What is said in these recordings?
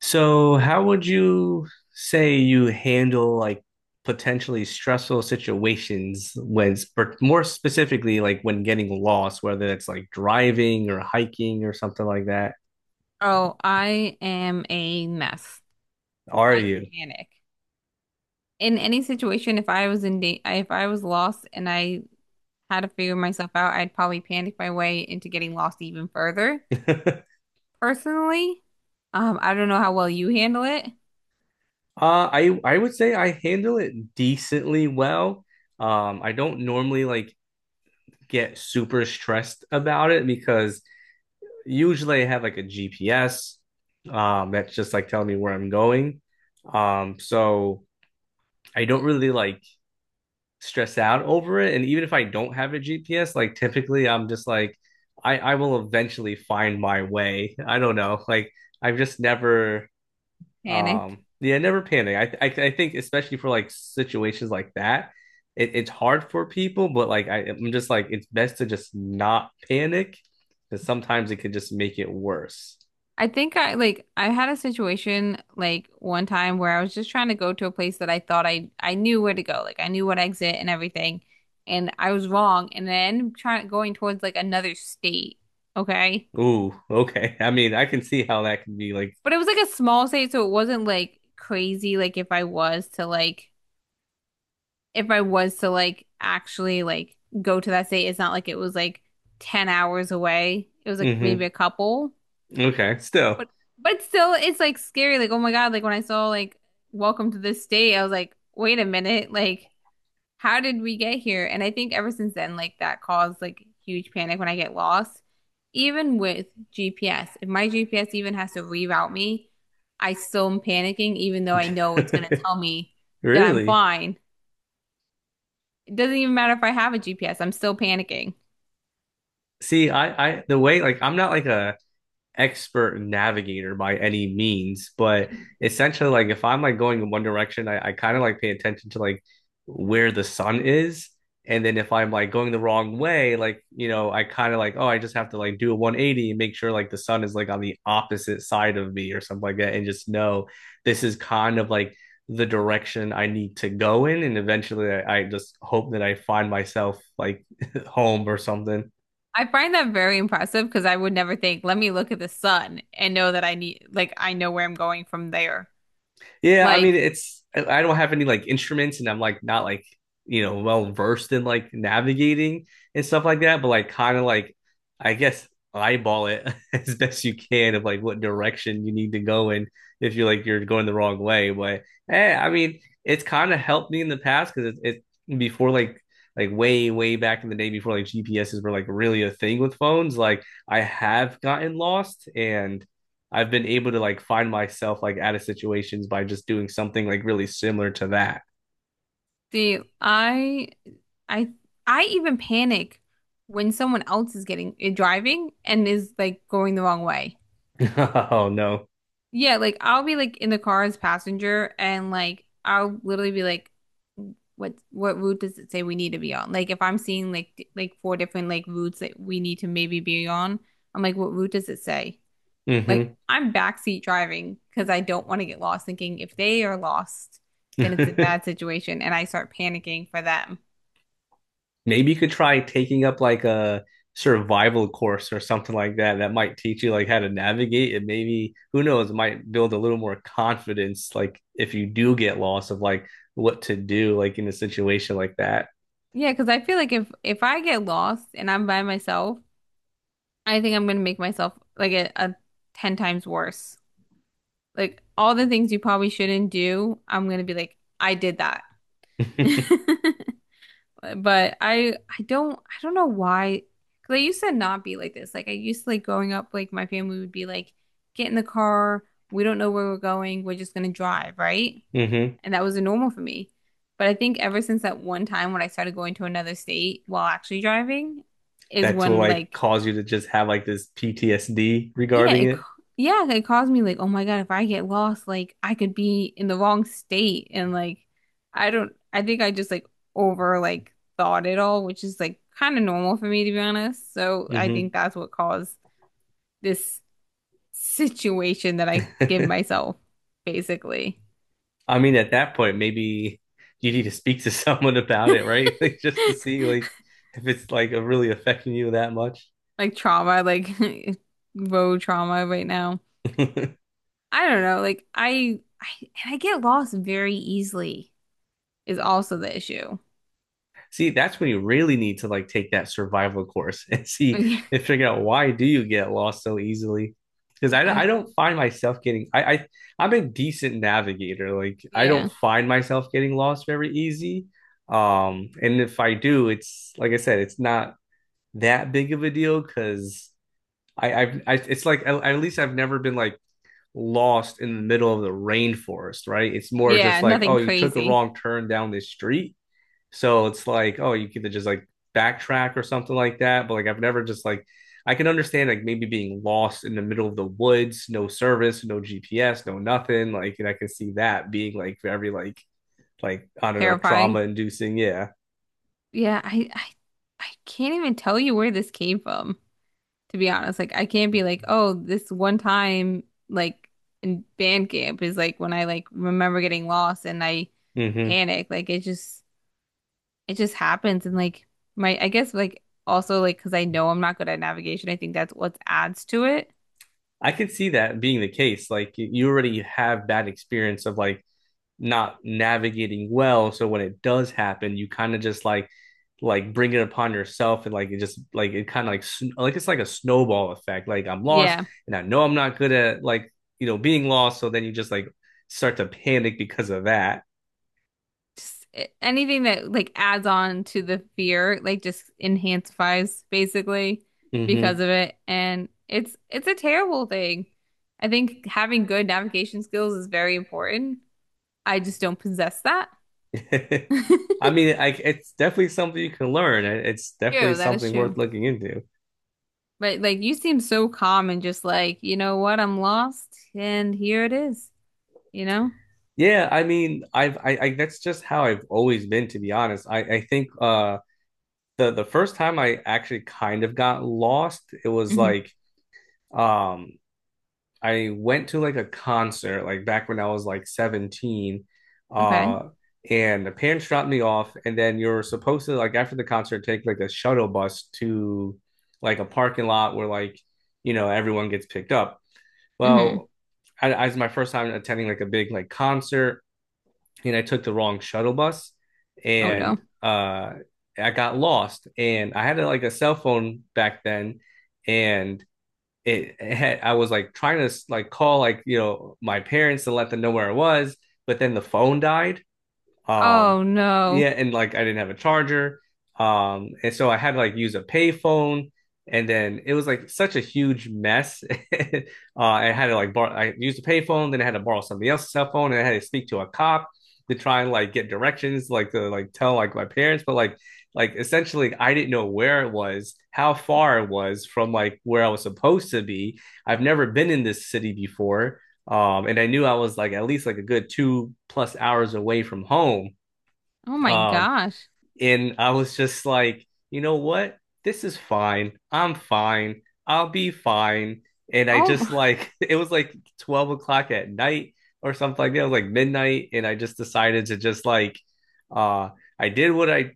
So, how would you say you handle like potentially stressful situations when, but more specifically, like when getting lost, whether it's like driving or hiking or something like that? Oh, I am a mess. Are I you? panic. In any situation, if I was in da if I was lost and I had to figure myself out, I'd probably panic my way into getting lost even further. Personally, I don't know how well you handle it. I would say I handle it decently well. I don't normally like get super stressed about it because usually I have like a GPS, that's just like telling me where I'm going. Um, so. I don't really like stress out over it. And even if I don't have a GPS, like typically I'm just like, I will eventually find my way. I don't know. Like I've just never Panicked. Yeah, never panic. I think especially for like situations like that, it's hard for people, but like I'm just like it's best to just not panic because sometimes it could just make it worse. I think I had a situation like one time where I was just trying to go to a place that I thought I knew where to go. Like I knew what exit and everything, and I was wrong, and then trying going towards like another state. Okay. Ooh, okay. I mean, I can see how that can be like But it was like a small state, so it wasn't like crazy. Like if I was to like, If I was to like actually like go to that state, it's not like it was like 10 hours away. It was like mm-hmm. maybe a couple, Okay, but still. but still, it's like scary. Like, oh my God, like when I saw like Welcome to this state, I was like, wait a minute, like how did we get here? And I think ever since then, like that caused like huge panic when I get lost. Even with GPS, if my GPS even has to reroute me, I still am panicking, even though I know it's going to tell me that I'm Really? fine. It doesn't even matter if I have a GPS, I'm still panicking. See, the way, like, I'm not like expert navigator by any means, but essentially, like if I'm like going in one direction, I kind of like pay attention to like where the sun is. And then if I'm like going the wrong way, like, you know, I kind of like, oh, I just have to like do a 180 and make sure like the sun is like on the opposite side of me or something like that. And just know this is kind of like the direction I need to go in. And eventually I just hope that I find myself like home or something. I find that very impressive because I would never think, let me look at the sun and know that I need, like, I know where I'm going from there. Yeah, I mean, Like, it's I don't have any like instruments, and I'm like not like you know well versed in like navigating and stuff like that, but like kind of like I guess eyeball it as best you can of like what direction you need to go in if you're like you're going the wrong way. But eh, I mean, it's kind of helped me in the past because it before like way back in the day before like GPSs were like really a thing with phones. Like I have gotten lost and I've been able to like find myself like out of situations by just doing something like really similar to that. see, I, I even panic when someone else is getting driving and is like going the wrong way. Oh no. Yeah, like I'll be like in the car as passenger, and like I'll literally be like, what route does it say we need to be on? Like if I'm seeing like like four different like routes that we need to maybe be on, I'm like, what route does it say? Like Mm-hmm. I'm backseat driving because I don't want to get lost thinking if they are lost, then it's a bad situation and I start panicking for them. Maybe you could try taking up like a survival course or something like that that might teach you like how to navigate and maybe who knows it might build a little more confidence like if you do get lost of like what to do like in a situation like that Yeah, because I feel like if I get lost and I'm by myself, I think I'm gonna make myself like a 10 times worse. Like all the things you probably shouldn't do, I'm gonna be like, I did that. But I don't know why. 'Cause I used to not be like this. Like I used to like growing up, like my family would be like, get in the car, we don't know where we're going, we're just gonna drive, right? mm-hmm. And that was the normal for me. But I think ever since that one time when I started going to another state while actually driving is That's what when like like cause you to just have like this ptsd yeah, regarding it, ca- it yeah, it caused me like, oh my God, if I get lost, like I could be in the wrong state and like I don't I think I just like over like thought it all, which is like kind of normal for me to be honest. So I think that's what caused mm-hmm. this situation that I give myself, basically. I mean, at that point, maybe you need to speak to someone about it, right? Like just to see like if it's like really affecting you that much. Like trauma, like road trauma right now. I don't know, like I and I get lost very easily is also the issue. See, that's when you really need to like take that survival course and see I, and figure out why do you get lost so easily. Because I don't find myself getting I'm a decent navigator. Like I yeah. don't find myself getting lost very easy. And if I do, it's like I said, it's not that big of a deal because it's like at, least I've never been like lost in the middle of the rainforest, right? It's more just Yeah, like, nothing oh, you took a crazy. wrong turn down this street. So it's like, oh, you could just like backtrack or something like that. But like I've never just like I can understand like maybe being lost in the middle of the woods, no service, no GPS, no nothing. Like and I can see that being like very like I don't know, Terrifying. trauma inducing. Yeah. Yeah, I I can't even tell you where this came from, to be honest. Like I can't be like, oh, this one time like in band camp is like when I like remember getting lost and I Mm-hmm. panic. Like it just happens and like my I guess like also like because I know I'm not good at navigation, I think that's what adds to it. I could see that being the case. Like you- already have bad experience of like not navigating well, so when it does happen, you kind of just like bring it upon yourself, and like it just like it kind of like it's like a snowball effect. Like I'm lost, Yeah. and I know I'm not good at like you know being lost, so then you just like start to panic because of that. Just anything that like adds on to the fear, like just enhances basically Hmm. because of it. And it's a terrible thing. I think having good navigation skills is very important. I just don't possess that. True, I mean, it's definitely something you can learn. It's definitely that is something true. worth looking into. But like you seem so calm and just like, you know what, I'm lost and here it is, you know? Yeah, I mean, I that's just how I've always been, to be honest. I think the first time I actually kind of got lost, it was Hmm. like um I went to like a concert like back when I was like 17, Okay. uh and the parents dropped me off and then you're supposed to like after the concert take like a shuttle bus to like a parking lot where like you know everyone gets picked up. Hmm. Well, I was my first time attending like a big like concert and I took the wrong shuttle bus Oh no. and I got lost and I had like a cell phone back then and it had I was like trying to like call like you know my parents to let them know where I was but then the phone died, um, Oh yeah, no. and like I didn't have a charger. And so I had to like use a payphone, and then it was like such a huge mess. I had to like borrow. I used a payphone, then I had to borrow somebody else's cell phone, and I had to speak to a cop to try and like get directions, like to like tell like my parents, but like essentially I didn't know where it was, how far it was from like where I was supposed to be. I've never been in this city before. And I knew I was like at least like a good two plus hours away from home. Oh my Um, gosh. and I was just like, you know what? This is fine. I'm fine. I'll be fine. And I just Oh, like it was like 12 o'clock at night or something like that. It was like midnight. And I just decided to just like uh I did what I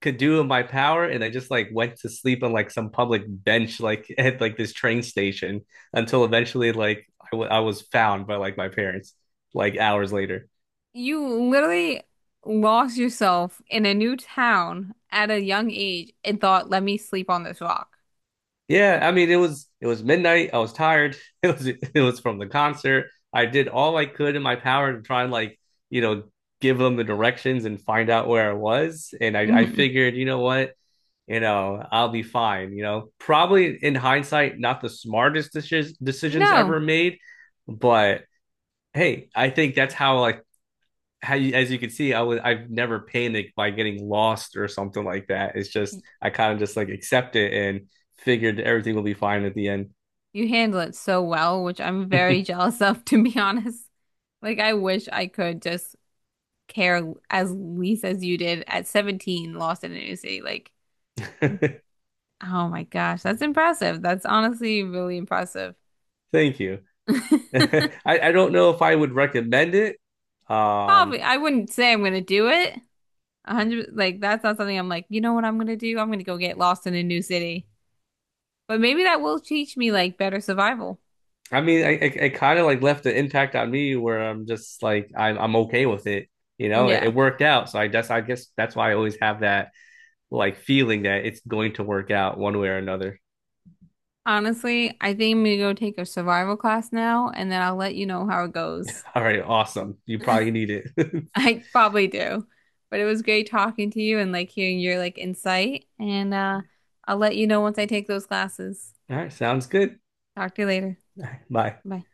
could do in my power and I just like went to sleep on like some public bench like at like this train station until eventually like I was found by like my parents like hours later. you literally lost yourself in a new town at a young age and thought, let me sleep on this rock. Yeah I mean it was midnight I was tired. It was it was from the concert. I did all I could in my power to try and like you know give them the directions and find out where I was and I Hmm. figured you know what you know, I'll be fine. You know, probably in hindsight, not the smartest decisions No, ever made, but hey, I think that's how like how you, as you can see, I've never panicked by getting lost or something like that. It's just Y- I kind of just like accept it and figured everything will be fine at the end. you handle it so well, which I'm very jealous of, to be honest. Like, I wish I could just care as least as you did at 17, lost in a new city. Like, oh my gosh, that's impressive. That's honestly really impressive. Thank you. I, I don't know if I would recommend it. Um, Probably, I wouldn't say I'm gonna do it, a hundred, like that's not something I'm like, you know what I'm gonna do? I'm gonna go get lost in a new city. But maybe that will teach me like better survival. I mean, it kind of like left an impact on me where I'm just like I'm okay with it. You know, Yeah. it worked out, so I guess that's why I always have that like feeling that it's going to work out one way or another. Honestly, I think I'm gonna go take a survival class now and then I'll let you know how it goes. All right, awesome. You probably need it. I probably do. But it was great talking to you and like hearing your like insight. And I'll let you know once I take those classes. All right, sounds good. Talk to you later. Bye. Bye.